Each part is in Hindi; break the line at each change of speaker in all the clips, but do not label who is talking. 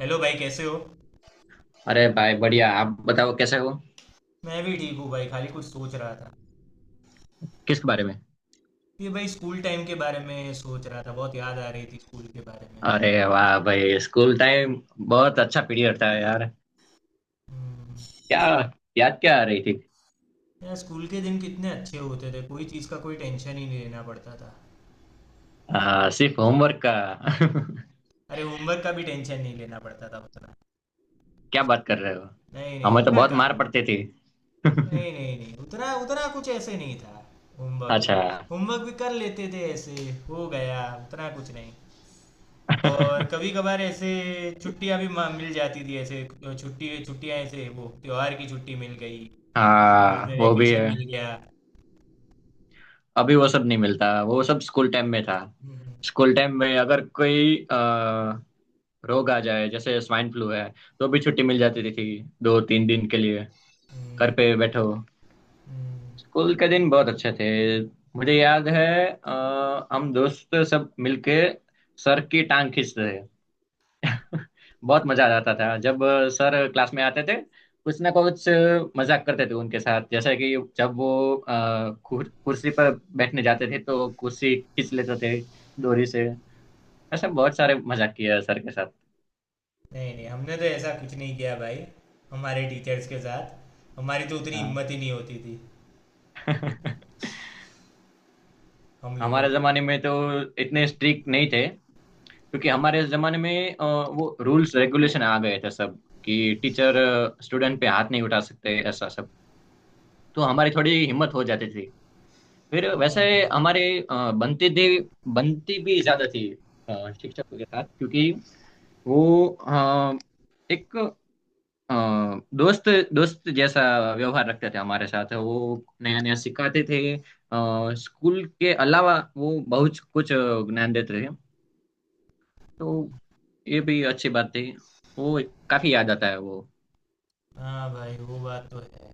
हेलो भाई, कैसे हो।
अरे भाई बढ़िया। आप बताओ कैसे हो।
मैं भी ठीक हूँ भाई, खाली कुछ सोच रहा था।
किस बारे में?
ये भाई स्कूल टाइम के बारे में सोच रहा था, बहुत याद आ रही थी स्कूल के बारे में।
अरे वाह भाई, स्कूल टाइम। बहुत अच्छा पीरियड था यार।
हम्म।
क्या? याद क्या आ रही थी?
यार, स्कूल के दिन कितने अच्छे होते थे, कोई चीज़ का कोई टेंशन ही नहीं लेना पड़ता था।
सिर्फ होमवर्क का।
अरे होमवर्क का भी टेंशन नहीं लेना पड़ता था उतना।
क्या बात कर रहे हो?
नहीं नहीं,
हमें तो
उतना
बहुत
का
मार पड़ती थी।
नहीं नहीं नहीं। उतना उतना कुछ ऐसे नहीं था होमवर्क का।
अच्छा।
होमवर्क भी कर लेते थे, ऐसे हो गया, उतना कुछ नहीं। और कभी कभार ऐसे छुट्टियां भी मिल जाती थी, ऐसे छुट्टी, छुट्टियां, ऐसे वो त्योहार की छुट्टी मिल गई, बाद
हाँ
में
वो भी
वैकेशन
है।
मिल गया।
अभी वो सब नहीं मिलता, वो सब स्कूल टाइम में था।
हम्म,
स्कूल टाइम में अगर कोई रोग आ जाए जैसे स्वाइन फ्लू है, तो भी छुट्टी मिल जाती थी 2 3 दिन के लिए। घर
हम्म,
पे बैठो।
हम्म।
स्कूल के दिन बहुत अच्छे थे। मुझे याद है हम दोस्त सब मिलके सर की टांग खींचते थे। बहुत मजा आ जाता था जब सर क्लास में आते थे। कुछ ना कुछ मजाक करते थे उनके साथ, जैसे कि जब वो कुर्सी पर बैठने जाते थे तो कुर्सी खींच लेते थे डोरी से। ऐसा बहुत सारे मजाक किया है सर के साथ।
नहीं नहीं, हमने तो ऐसा कुछ नहीं किया भाई हमारे टीचर्स के साथ। हमारी तो उतनी
हाँ।
हिम्मत ही नहीं होती थी हम लोगों
हमारे
की तो।
जमाने में तो इतने स्ट्रिक्ट नहीं थे, क्योंकि हमारे जमाने में वो रूल्स रेगुलेशन आ गए थे सब कि टीचर स्टूडेंट पे हाथ नहीं उठा सकते, ऐसा सब। तो हमारी थोड़ी हिम्मत हो जाती थी फिर वैसे।
हाँ भाई।
हमारे बनती थी, बनती भी ज्यादा थी शिक्षकों के साथ, क्योंकि वो एक अ, दोस्त दोस्त जैसा व्यवहार रखते थे हमारे साथ। वो नया नया सिखाते थे स्कूल के अलावा वो बहुत कुछ ज्ञान देते थे, तो ये भी अच्छी बात थी वो। काफी याद आता है वो।
हाँ भाई, वो बात तो है।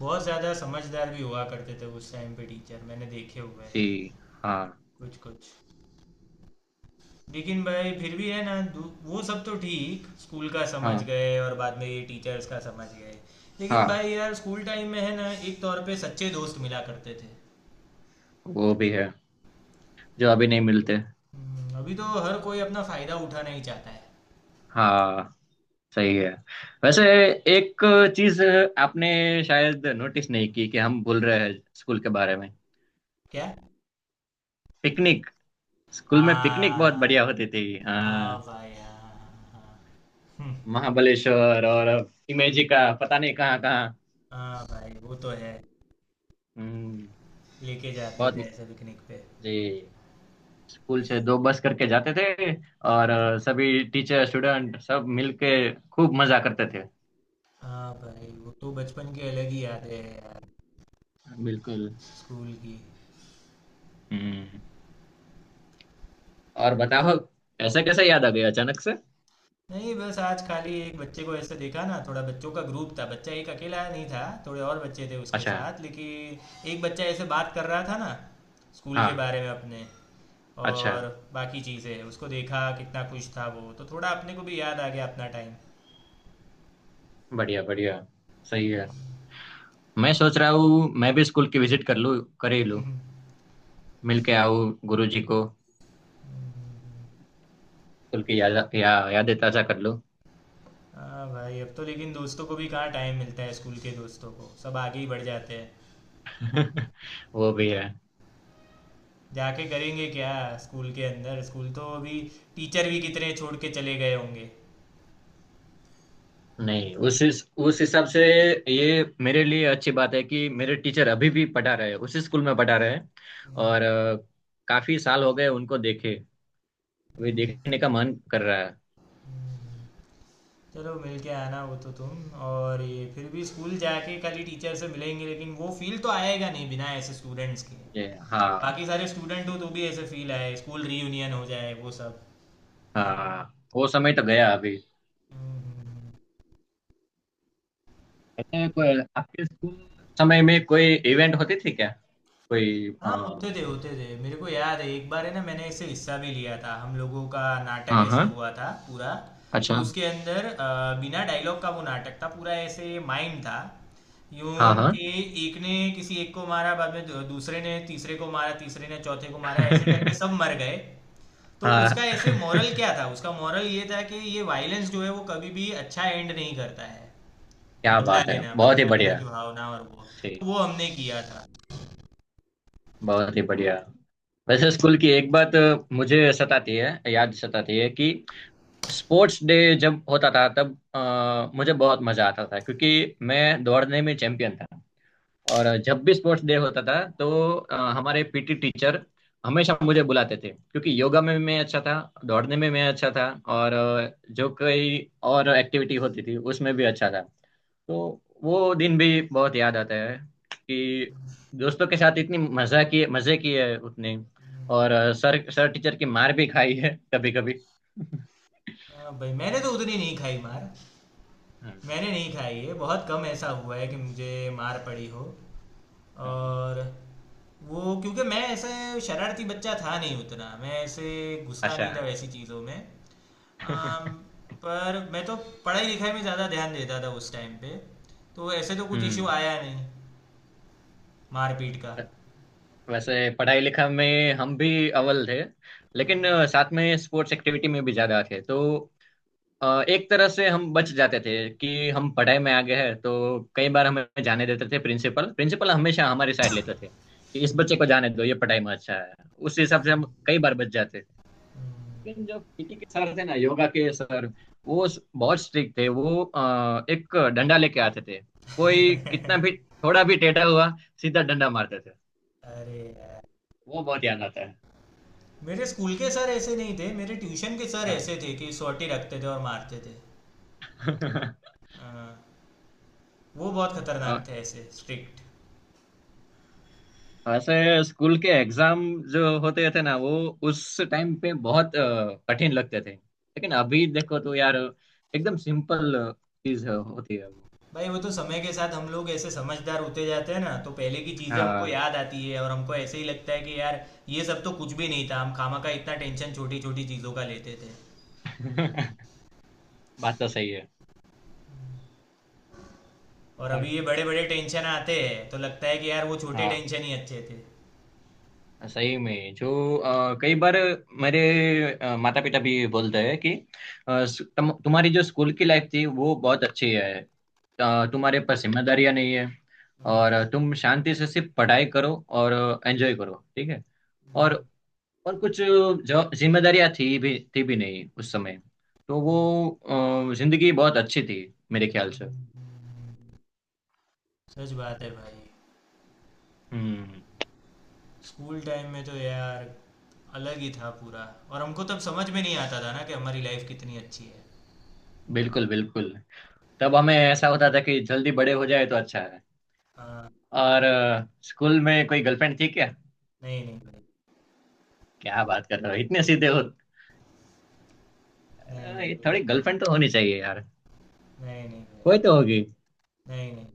बहुत ज़्यादा समझदार भी हुआ करते थे उस टाइम पे टीचर, मैंने देखे हुए
जी।
हैं
हाँ।
कुछ कुछ। लेकिन भाई फिर भी है ना, वो सब तो ठीक, स्कूल का समझ
हाँ।
गए, और बाद में ये टीचर्स का समझ गए। लेकिन
हाँ
भाई यार, स्कूल टाइम में है ना, एक तौर पे सच्चे दोस्त मिला करते थे।
वो भी है, जो अभी नहीं मिलते।
अभी तो हर कोई अपना फायदा उठाना ही चाहता है।
हाँ सही है। वैसे एक चीज आपने शायद नोटिस नहीं की कि हम भूल रहे हैं स्कूल के बारे में।
क्या।
पिकनिक। स्कूल में पिकनिक बहुत बढ़िया
हाँ।
होती थी।
हाँ
हाँ
भाई, हाँ। हाँ। हम्म।
महाबलेश्वर और इमेजी का पता नहीं कहाँ कहाँ।
हाँ भाई, वो तो है।
हम्म।
लेके जाते
बहुत।
थे ऐसे पिकनिक पे।
जी। स्कूल से दो बस करके जाते थे और सभी टीचर स्टूडेंट सब मिल के खूब मजा करते थे।
हाँ भाई, वो तो बचपन की अलग ही यादें हैं यार,
बिल्कुल।
स्कूल की।
हम्म। और बताओ, ऐसे कैसे याद आ गया अचानक से?
नहीं बस आज खाली एक बच्चे को ऐसे देखा ना, थोड़ा बच्चों का ग्रुप था, बच्चा एक अकेला नहीं था, थोड़े और बच्चे थे उसके
अच्छा।
साथ, लेकिन एक बच्चा ऐसे बात कर रहा था ना स्कूल के
हाँ।
बारे में अपने।
अच्छा।
और बाकी चीज़ें उसको देखा कितना खुश था वो, तो थोड़ा अपने को भी याद आ गया अपना टाइम।
बढ़िया बढ़िया। सही है। मैं सोच रहा हूँ मैं भी स्कूल की विजिट कर लूँ, कर ही लूँ। मिल के आऊँ गुरुजी को। स्कूल की यादें ताजा कर लूँ।
हाँ भाई, अब तो लेकिन दोस्तों को भी कहाँ टाइम मिलता है, स्कूल के दोस्तों को, सब आगे ही बढ़ जाते हैं।
वो भी है।
जाके करेंगे क्या स्कूल के अंदर, स्कूल तो अभी, टीचर भी कितने छोड़ के चले गए होंगे।
नहीं उस हिसाब से, ये मेरे लिए अच्छी बात है कि मेरे टीचर अभी भी पढ़ा रहे हैं, उसी स्कूल में पढ़ा रहे हैं। और काफी साल हो गए उनको देखे, अभी देखने का मन कर रहा है।
चलो मिल के आना वो तो तुम, और ये फिर भी स्कूल जाके खाली टीचर से मिलेंगे, लेकिन वो फील तो आएगा नहीं बिना ऐसे स्टूडेंट्स के।
ये हाँ।
बाकी सारे स्टूडेंट हो तो भी ऐसे फील आए, स्कूल रीयूनियन हो जाए, वो सब।
हाँ वो समय तो गया अभी।
हम्म, हम्म, हम्म।
अच्छा, कोई आपके स्कूल समय में कोई इवेंट होती थी क्या? कोई
हाँ, होते थे होते थे। मेरे को याद है एक बार है ना, मैंने इससे हिस्सा भी लिया था, हम लोगों का नाटक
हाँ
ऐसे
हाँ।
हुआ था पूरा। तो
अच्छा।
उसके अंदर बिना डायलॉग का वो नाटक था पूरा, ऐसे माइंड था यूं
हाँ हाँ।
कि एक ने किसी एक को मारा, बाद में दूसरे ने तीसरे को मारा, तीसरे ने चौथे को मारा, ऐसे करके सब मर गए। तो उसका
हाँ।
ऐसे मॉरल क्या था, उसका मॉरल ये था कि ये वायलेंस जो है वो कभी भी अच्छा एंड नहीं करता है।
क्या
बदला
बात है,
लेना,
बहुत ही
बदला लेना
बढ़िया।
की भावना और वो,
जी।
तो वो हमने किया था।
बहुत ही बढ़िया। वैसे स्कूल की एक बात मुझे सताती है, याद सताती है कि स्पोर्ट्स डे जब होता था तब मुझे बहुत मजा आता था, क्योंकि मैं दौड़ने में चैंपियन था। और जब भी स्पोर्ट्स डे होता था तो हमारे पीटी टीचर हमेशा मुझे बुलाते थे, क्योंकि योगा में मैं अच्छा था, दौड़ने में मैं अच्छा था, और जो कई और एक्टिविटी होती थी उसमें भी अच्छा था। तो वो दिन भी बहुत याद आता है कि दोस्तों के साथ इतनी मजा की, मजे किए हैं उतने। और सर सर टीचर की मार भी खाई है कभी कभी।
हाँ भाई, मैंने तो उतनी नहीं खाई मार।
हाँ।
मैंने नहीं खाई है, बहुत कम ऐसा हुआ है कि मुझे मार पड़ी हो।
हाँ,
और वो क्योंकि मैं ऐसे शरारती बच्चा था नहीं उतना, मैं ऐसे घुसता
आशा।
नहीं था वैसी चीज़ों में। अम, पर मैं तो पढ़ाई लिखाई में ज़्यादा ध्यान देता था उस टाइम पे, तो ऐसे तो कुछ इशू
हम्म।
आया नहीं मारपीट का।
वैसे पढ़ाई लिखा में हम भी अव्वल थे, लेकिन साथ में स्पोर्ट्स एक्टिविटी में भी ज्यादा थे, तो एक तरह से हम बच जाते थे कि हम पढ़ाई में आगे हैं, तो कई बार हमें जाने देते थे। प्रिंसिपल प्रिंसिपल हमेशा हमारी साइड लेते थे कि इस बच्चे को जाने दो, ये पढ़ाई में अच्छा है। उस हिसाब से हम कई बार बच जाते थे। लेकिन जो पीटी के सर थे ना, योगा के सर, वो बहुत स्ट्रिक्ट थे। वो एक डंडा लेके आते थे। कोई कितना भी थोड़ा भी टेढ़ा हुआ, सीधा डंडा मारते थे।
अरे यार,
वो बहुत याद आता है।
मेरे स्कूल के सर ऐसे नहीं थे, मेरे ट्यूशन के सर ऐसे थे कि सोटी रखते थे और मारते थे।
हाँ।
हाँ, वो बहुत खतरनाक थे, ऐसे स्ट्रिक्ट।
ऐसे स्कूल के एग्जाम जो होते थे ना वो, उस टाइम पे बहुत कठिन लगते थे, लेकिन अभी देखो तो यार एकदम सिंपल चीज होती है वो।
भाई वो तो समय के साथ हम लोग ऐसे समझदार होते जाते हैं ना, तो पहले की चीजें हमको
हाँ।
याद आती है और हमको ऐसे ही लगता है कि यार ये सब तो कुछ भी नहीं था, हम खामा का इतना टेंशन छोटी छोटी चीजों का लेते थे।
बात तो सही है।
और अभी
और
ये बड़े बड़े टेंशन आते हैं तो लगता है कि यार वो छोटे
हाँ
टेंशन ही अच्छे थे।
सही में जो कई बार मेरे माता पिता भी बोलते हैं कि तुम्हारी जो स्कूल की लाइफ थी वो बहुत अच्छी है। तुम्हारे पर जिम्मेदारियां नहीं है, और तुम शांति से सिर्फ पढ़ाई करो और एंजॉय करो, ठीक है। और और कुछ जो जिम्मेदारियां थी भी, थी भी नहीं उस समय, तो वो जिंदगी बहुत अच्छी थी मेरे ख्याल से।
सच बात है भाई।
हम्म।
स्कूल टाइम में तो यार अलग ही था पूरा, और हमको तब समझ में नहीं आता था ना कि हमारी लाइफ कितनी अच्छी है।
बिल्कुल बिल्कुल। तब हमें ऐसा होता था कि जल्दी बड़े हो जाए तो अच्छा।
हाँ।
और स्कूल में कोई गर्लफ्रेंड थी क्या?
नहीं नहीं भाई।
क्या बात कर रहे हो, इतने सीधे हो!
नहीं नहीं
ये थोड़ी
बिल्कुल,
गर्लफ्रेंड तो होनी चाहिए यार।
नहीं नहीं नहीं भाई।
कोई तो होगी।
नहीं नहीं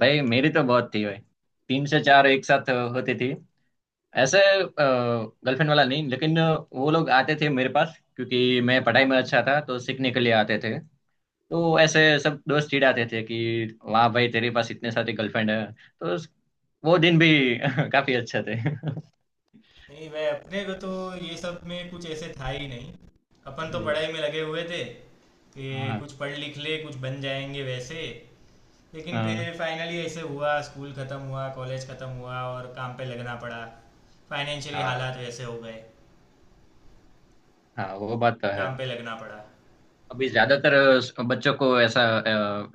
भाई मेरी तो बहुत थी भाई, तीन से चार एक साथ होती थी। ऐसे गर्लफ्रेंड वाला नहीं, लेकिन वो लोग आते थे मेरे पास, क्योंकि मैं पढ़ाई में अच्छा था तो सीखने के लिए आते थे। तो ऐसे सब दोस्त चिढ़ाते थे कि वाह भाई, तेरे पास इतने सारे गर्लफ्रेंड है। तो वो दिन भी काफी अच्छे थे।
नहीं भाई, अपने को तो ये सब में कुछ ऐसे था ही नहीं। अपन तो
जी।
पढ़ाई में लगे हुए थे कि
हाँ
कुछ पढ़ लिख ले, कुछ बन जाएंगे वैसे। लेकिन फिर
हाँ
फाइनली ऐसे हुआ, स्कूल ख़त्म हुआ, कॉलेज ख़त्म हुआ, और काम पे लगना पड़ा। फाइनेंशियली
हाँ।
हालात वैसे हो गए कि
हाँ, वो बात तो है।
काम पे लगना पड़ा।
अभी ज्यादातर बच्चों को ऐसा,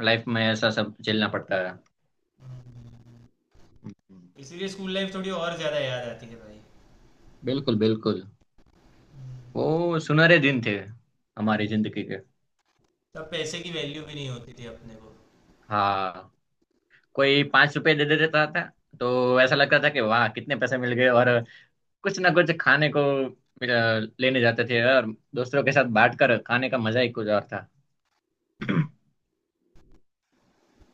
लाइफ में ऐसा सब झेलना पड़ता है। हम्म।
इसीलिए स्कूल लाइफ थोड़ी और ज़्यादा याद आती है भाई।
बिल्कुल बिल्कुल। वो सुनहरे दिन थे हमारी जिंदगी के।
तब पैसे की वैल्यू भी नहीं होती थी अपने को।
हाँ। कोई 5 रुपए दे देता था तो ऐसा लगता था कि वाह कितने पैसे मिल गए, और कुछ ना कुछ खाने को अ, लेने जाते थे, और दोस्तों के साथ बांट कर खाने का मजा ही कुछ और था।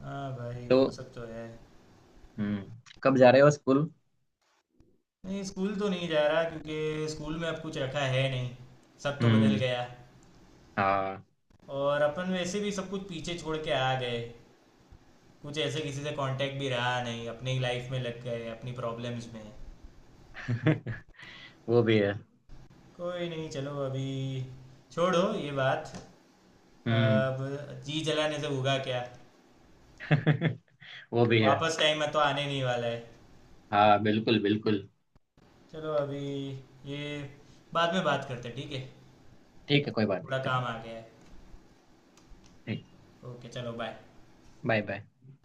हाँ भाई,
तो
वो सब तो है।
हम्म, कब जा रहे हो स्कूल?
नहीं, स्कूल तो नहीं जा रहा, क्योंकि स्कूल में अब कुछ रखा है नहीं, सब तो बदल
हम्म।
गया।
हाँ।
और अपन वैसे भी सब कुछ पीछे छोड़ के आ गए, कुछ ऐसे किसी से कांटेक्ट भी रहा नहीं, अपनी ही लाइफ में लग गए, अपनी प्रॉब्लम्स में।
वो भी है।
कोई नहीं, चलो अभी छोड़ो ये बात।
हम्म।
अब जी जलाने से होगा क्या,
वो भी है।
वापस टाइम में तो आने नहीं वाला है।
हाँ बिल्कुल बिल्कुल।
चलो अभी ये बाद में बात करते हैं, ठीक है।
ठीक है, कोई बात
थोड़ा
नहीं, चलो।
काम आ गया है।
ठीक।
ओके, चलो बाय।
Bye bye.